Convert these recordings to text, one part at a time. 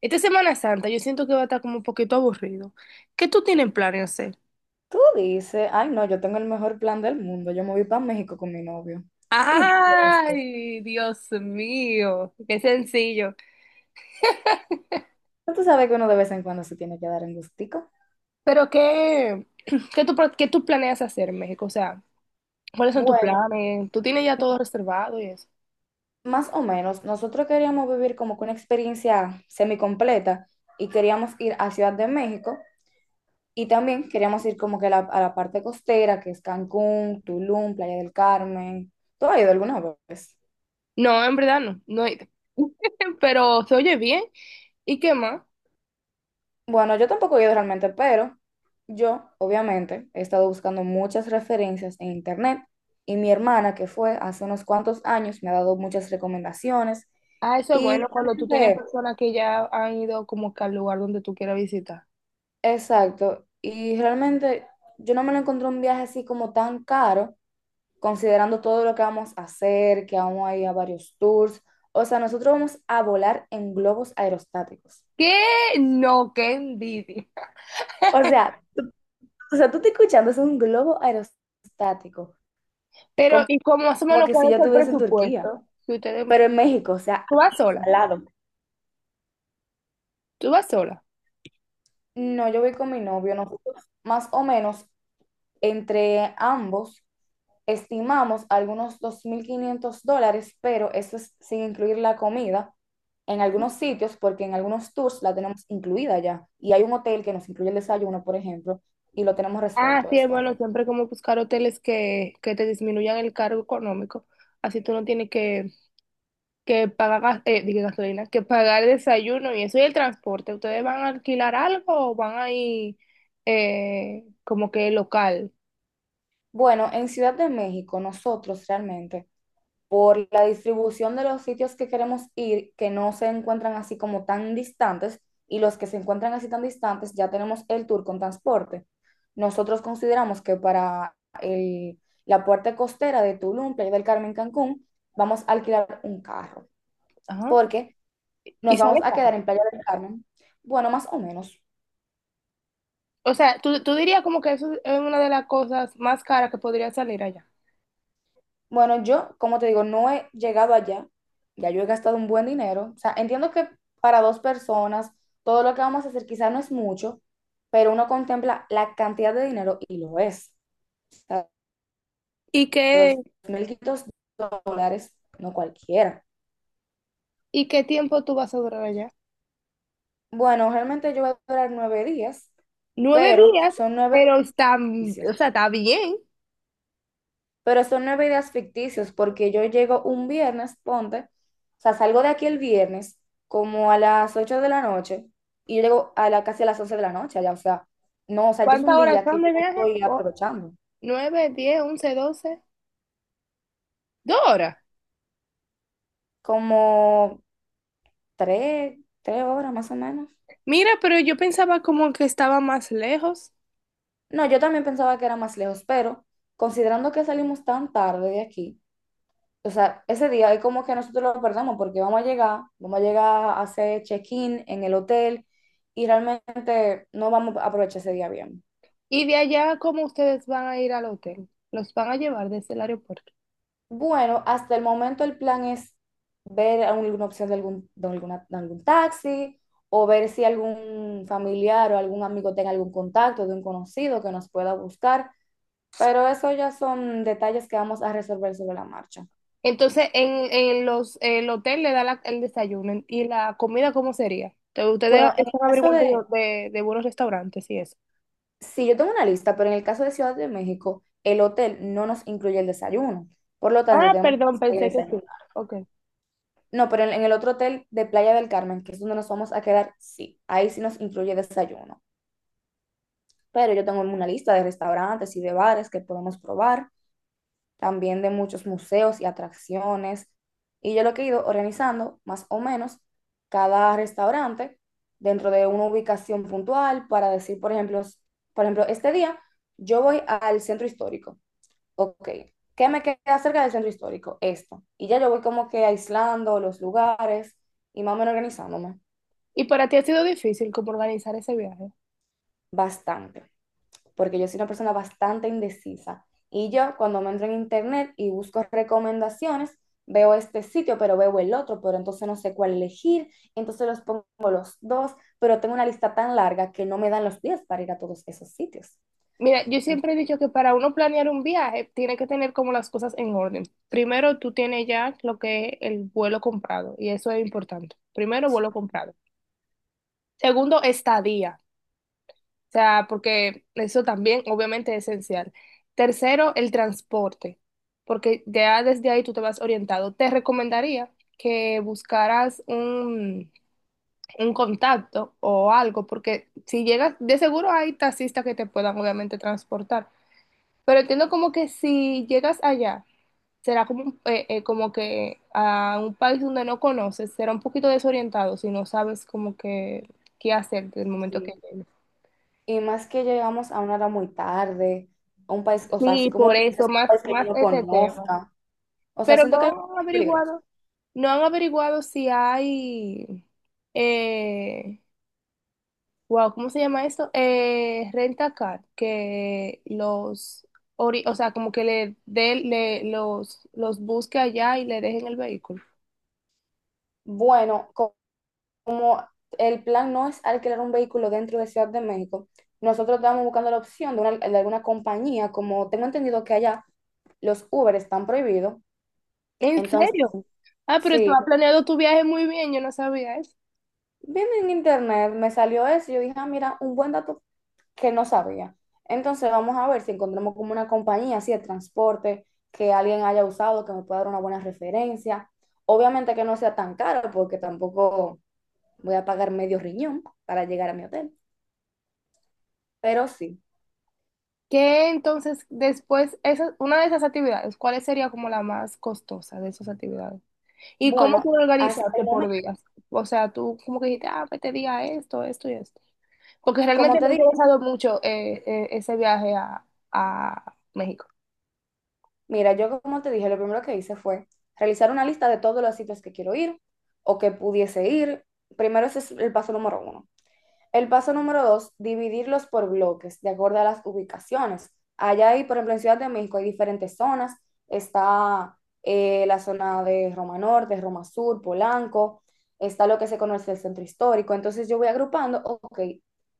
Esta Semana Santa yo siento que va a estar como un poquito aburrido. ¿Qué tú tienes planes hacer? Tú dices, ay no, yo tengo el mejor plan del mundo, yo me voy para México con mi novio. Y tú, ¿cómo así? Ay, Dios mío, qué sencillo. ¿No tú sabes que uno de vez en cuando se tiene que dar en gustico? Pero qué, ¿qué tú planeas hacer en México? O sea, ¿cuáles son tus Bueno, planes? ¿Tú tienes ya todo reservado y eso? más o menos, nosotros queríamos vivir como que una experiencia semicompleta y queríamos ir a Ciudad de México y también queríamos ir como que a la parte costera, que es Cancún, Tulum, Playa del Carmen. ¿Tú has ido alguna vez? No, en verdad no he ido. Pero se oye bien. ¿Y qué más? Bueno, yo tampoco he ido realmente, pero yo, obviamente, he estado buscando muchas referencias en internet y mi hermana, que fue hace unos cuantos años, me ha dado muchas recomendaciones Ah, eso es y bueno cuando tú tienes realmente, personas que ya han ido como que al lugar donde tú quieras visitar. exacto, y realmente yo no me lo encontré un viaje así como tan caro, considerando todo lo que vamos a hacer, que vamos a ir a varios tours, o sea, nosotros vamos a volar en globos aerostáticos. ¿Qué? No, qué envidia. O sea, tú- o sea, tú te escuchando, es un globo aerostático Pero, ¿y cómo más o como menos que cuál si yo es el estuviese en Turquía, presupuesto? Si ustedes, pero en México, o sea, ¿tú vas sola, al lado. tú vas sola. No, yo voy con mi novio, nosotros más o menos entre ambos estimamos algunos $2,500, pero eso es sin incluir la comida en algunos sitios, porque en algunos tours la tenemos incluida ya, y hay un hotel que nos incluye el desayuno, por ejemplo, y lo tenemos Ah, resuelto sí, eso ahí. bueno, siempre como buscar hoteles que te disminuyan el cargo económico. Así tú no tienes que pagar dije gasolina, que pagar desayuno y eso y el transporte. ¿Ustedes van a alquilar algo o van a ir como que local? Bueno, en Ciudad de México, nosotros realmente por la distribución de los sitios que queremos ir, que no se encuentran así como tan distantes, y los que se encuentran así tan distantes, ya tenemos el tour con transporte. Nosotros consideramos que para el- la parte costera de Tulum, Playa del Carmen, Cancún, vamos a alquilar un carro, Ajá. porque nos Y vamos sale a quedar caro. en Playa del Carmen, bueno, más o menos. O sea, tú dirías como que eso es una de las cosas más caras que podría salir allá. Bueno, yo, como te digo, no he llegado allá. Ya yo he gastado un buen dinero. O sea, entiendo que para dos personas, todo lo que vamos a hacer quizás no es mucho, pero uno contempla la cantidad de dinero y lo es. O sea, ¿Y qué, $2,500, no cualquiera. ¿y qué tiempo tú vas a durar allá? Bueno, realmente yo voy a durar 9 días, Nueve pero días, son nueve pero está, o ejercicios. sea, está bien. Pero son 9 días ficticios porque yo llego un viernes, ponte, o sea, salgo de aquí el viernes como a las 8 de la noche y yo llego casi a las 11 de la noche allá, o sea, no, o sea, ya es ¿Cuántas un horas día que son yo de no viaje? estoy aprovechando, Nueve, diez, once, doce. Dos horas. como tres horas más o menos. Mira, pero yo pensaba como que estaba más lejos. No, yo también pensaba que era más lejos, pero considerando que salimos tan tarde de aquí, o sea, ese día es como que nosotros lo perdemos porque vamos a llegar a hacer check-in en el hotel y realmente no vamos a aprovechar ese día bien. Y de allá, ¿cómo ustedes van a ir al hotel? Los van a llevar desde el aeropuerto. Bueno, hasta el momento el plan es ver alguna opción de algún taxi o ver si algún familiar o algún amigo tenga algún contacto de un conocido que nos pueda buscar, pero eso ya son detalles que vamos a resolver sobre la marcha. Entonces, el hotel le da el desayuno. ¿Y la comida cómo sería? Entonces, ustedes Bueno, en el están caso averiguando de, de buenos restaurantes y eso. sí, yo tengo una lista, pero en el caso de Ciudad de México, el hotel no nos incluye el desayuno. Por lo tanto, Ah, tenemos que perdón, hacer pensé el que sí. desayuno. Ok. No, pero en el otro hotel de Playa del Carmen, que es donde nos vamos a quedar, sí, ahí sí nos incluye desayuno. Pero yo tengo una lista de restaurantes y de bares que podemos probar, también de muchos museos y atracciones. Y yo lo que he ido organizando, más o menos, cada restaurante dentro de una ubicación puntual para decir, por ejemplo, por ejemplo, este día yo voy al centro histórico. Ok, ¿qué me queda cerca del centro histórico? Esto. Y ya yo voy como que aislando los lugares y más o menos organizándome ¿Y para ti ha sido difícil como organizar ese viaje? bastante, porque yo soy una persona bastante indecisa. Y yo cuando me entro en internet y busco recomendaciones, veo este sitio, pero veo el otro, pero entonces no sé cuál elegir, entonces los pongo los dos, pero tengo una lista tan larga que no me dan los días para ir a todos esos sitios. Mira, yo siempre he dicho que para uno planear un viaje tiene que tener como las cosas en orden. Primero, tú tienes ya lo que es el vuelo comprado y eso es importante. Primero, vuelo comprado. Segundo, estadía. O sea, porque eso también obviamente es esencial. Tercero, el transporte, porque ya desde ahí tú te vas orientado. Te recomendaría que buscaras un contacto o algo, porque si llegas, de seguro hay taxistas que te puedan obviamente transportar. Pero entiendo como que si llegas allá, será como, como que a un país donde no conoces, será un poquito desorientado si no sabes como que qué hacer del momento que llegues. Y más que llegamos a una hora muy tarde, a un país, o sea, así Sí, como por tú dices, eso, un país que yo más no ese tema. conozca. O sea, Pero no siento que han es peligroso. averiguado, no han averiguado si hay, eh, wow, ¿cómo se llama esto? Renta car, o sea, como que le los busque allá y le dejen el vehículo. Bueno, como el plan no es alquilar un vehículo dentro de Ciudad de México, nosotros estábamos buscando la opción de alguna compañía, como tengo entendido que allá los Uber están prohibidos. ¿En Entonces, serio? Ah, pero tú has sí, planeado tu viaje muy bien, yo no sabía eso. viendo en internet me salió eso, y yo dije, ah, mira, un buen dato que no sabía. Entonces vamos a ver si encontramos como una compañía así de transporte que alguien haya usado, que me pueda dar una buena referencia. Obviamente que no sea tan caro porque tampoco voy a pagar medio riñón para llegar a mi hotel, pero sí. ¿Qué entonces después, esa, ¿una de esas actividades, cuál sería como la más costosa de esas actividades? ¿Y cómo Bueno, tú lo hasta organizaste el por momento, días? O sea, tú como que dijiste, ah, pues te diga esto, esto y esto. Porque realmente como me te ha dije, interesado mucho ese viaje a México. mira, yo como te dije, lo primero que hice fue realizar una lista de todos los sitios que quiero ir o que pudiese ir. Primero ese es el paso número uno. El paso número dos, dividirlos por bloques, de acuerdo a las ubicaciones. Allá hay, por ejemplo, en Ciudad de México hay diferentes zonas. Está la zona de Roma Norte, Roma Sur, Polanco. Está lo que se conoce el centro histórico. Entonces yo voy agrupando, ok,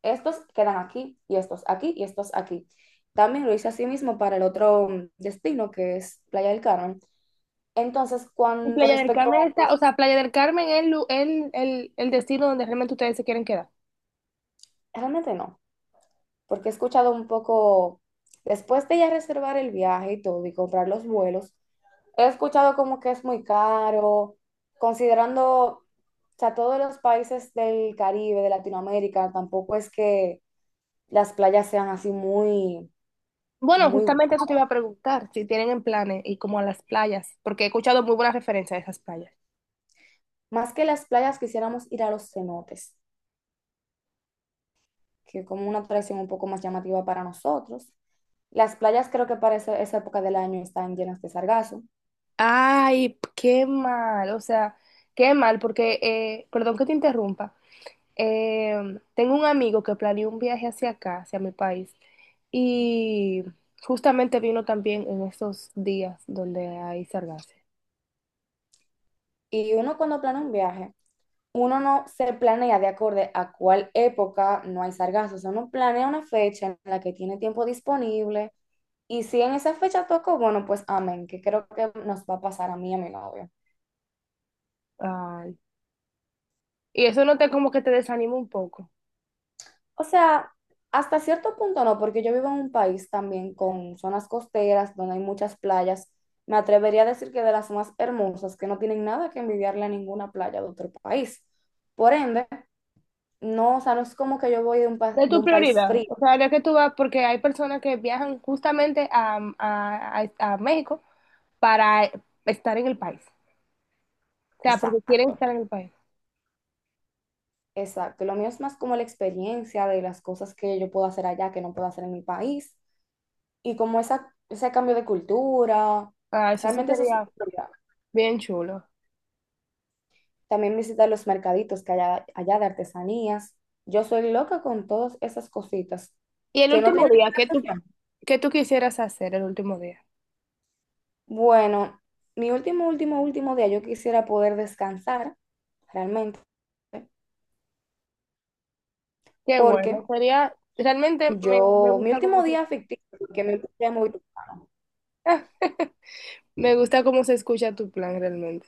estos quedan aquí y estos aquí y estos aquí. También lo hice así mismo para el otro destino que es Playa del Carmen. Entonces, Y con Playa del respecto Carmen a... está, o sea, Playa del Carmen es el, lu- el destino donde realmente ustedes se quieren quedar. Realmente no, porque he escuchado un poco, después de ya reservar el viaje y todo y comprar los vuelos, he escuchado como que es muy caro, considerando, o sea, todos los países del Caribe, de Latinoamérica, tampoco es que las playas sean así muy, Bueno, muy, gu- justamente eso te iba a preguntar, si tienen en planes y como a las playas, porque he escuchado muy buenas referencias de esas playas. más que las playas quisiéramos ir a los cenotes, que es como una atracción un poco más llamativa para nosotros. Las playas creo que para esa época del año están llenas de sargazo. Ay, qué mal, o sea, qué mal, porque, perdón que te interrumpa, eh, tengo un amigo que planeó un viaje hacia acá, hacia mi país, y justamente vino también en esos días donde hay sargazo. Y uno cuando planea un viaje, uno no se planea de acorde a cuál época no hay sargazos. O sea, uno planea una fecha en la que tiene tiempo disponible. Y si en esa fecha toco, bueno, pues amén, que creo que nos va a pasar a mí y a mi novio. Ay, y eso no te como que te desanima un poco. O sea, hasta cierto punto no, porque yo vivo en un país también con zonas costeras donde hay muchas playas. Me atrevería a decir que de las más hermosas, que no tienen nada que envidiarle a ninguna playa de otro país. Por ende, no, o sea, no es como que yo voy de un, De de tu un país prioridad, frío. o sea, de que tú vas, porque hay personas que viajan justamente a México para estar en el país, o sea, porque quieren Exacto. estar en el país. Exacto, lo mío es más como la experiencia de las cosas que yo puedo hacer allá que no puedo hacer en mi país y como esa, ese cambio de cultura, Ah, eso sí realmente eso es mi sería prioridad. bien chulo. También visitar los mercaditos que hay allá de artesanías. Yo soy loca con todas esas cositas Y el que no último tienen día, relación. ¿qué tú quisieras hacer el último día? Bueno, mi último, último, último día yo quisiera poder descansar realmente Qué bueno, porque sería, realmente me, me yo, mi gusta último cómo, se- día ficticio, que me gustaría Me gusta cómo se escucha tu plan realmente.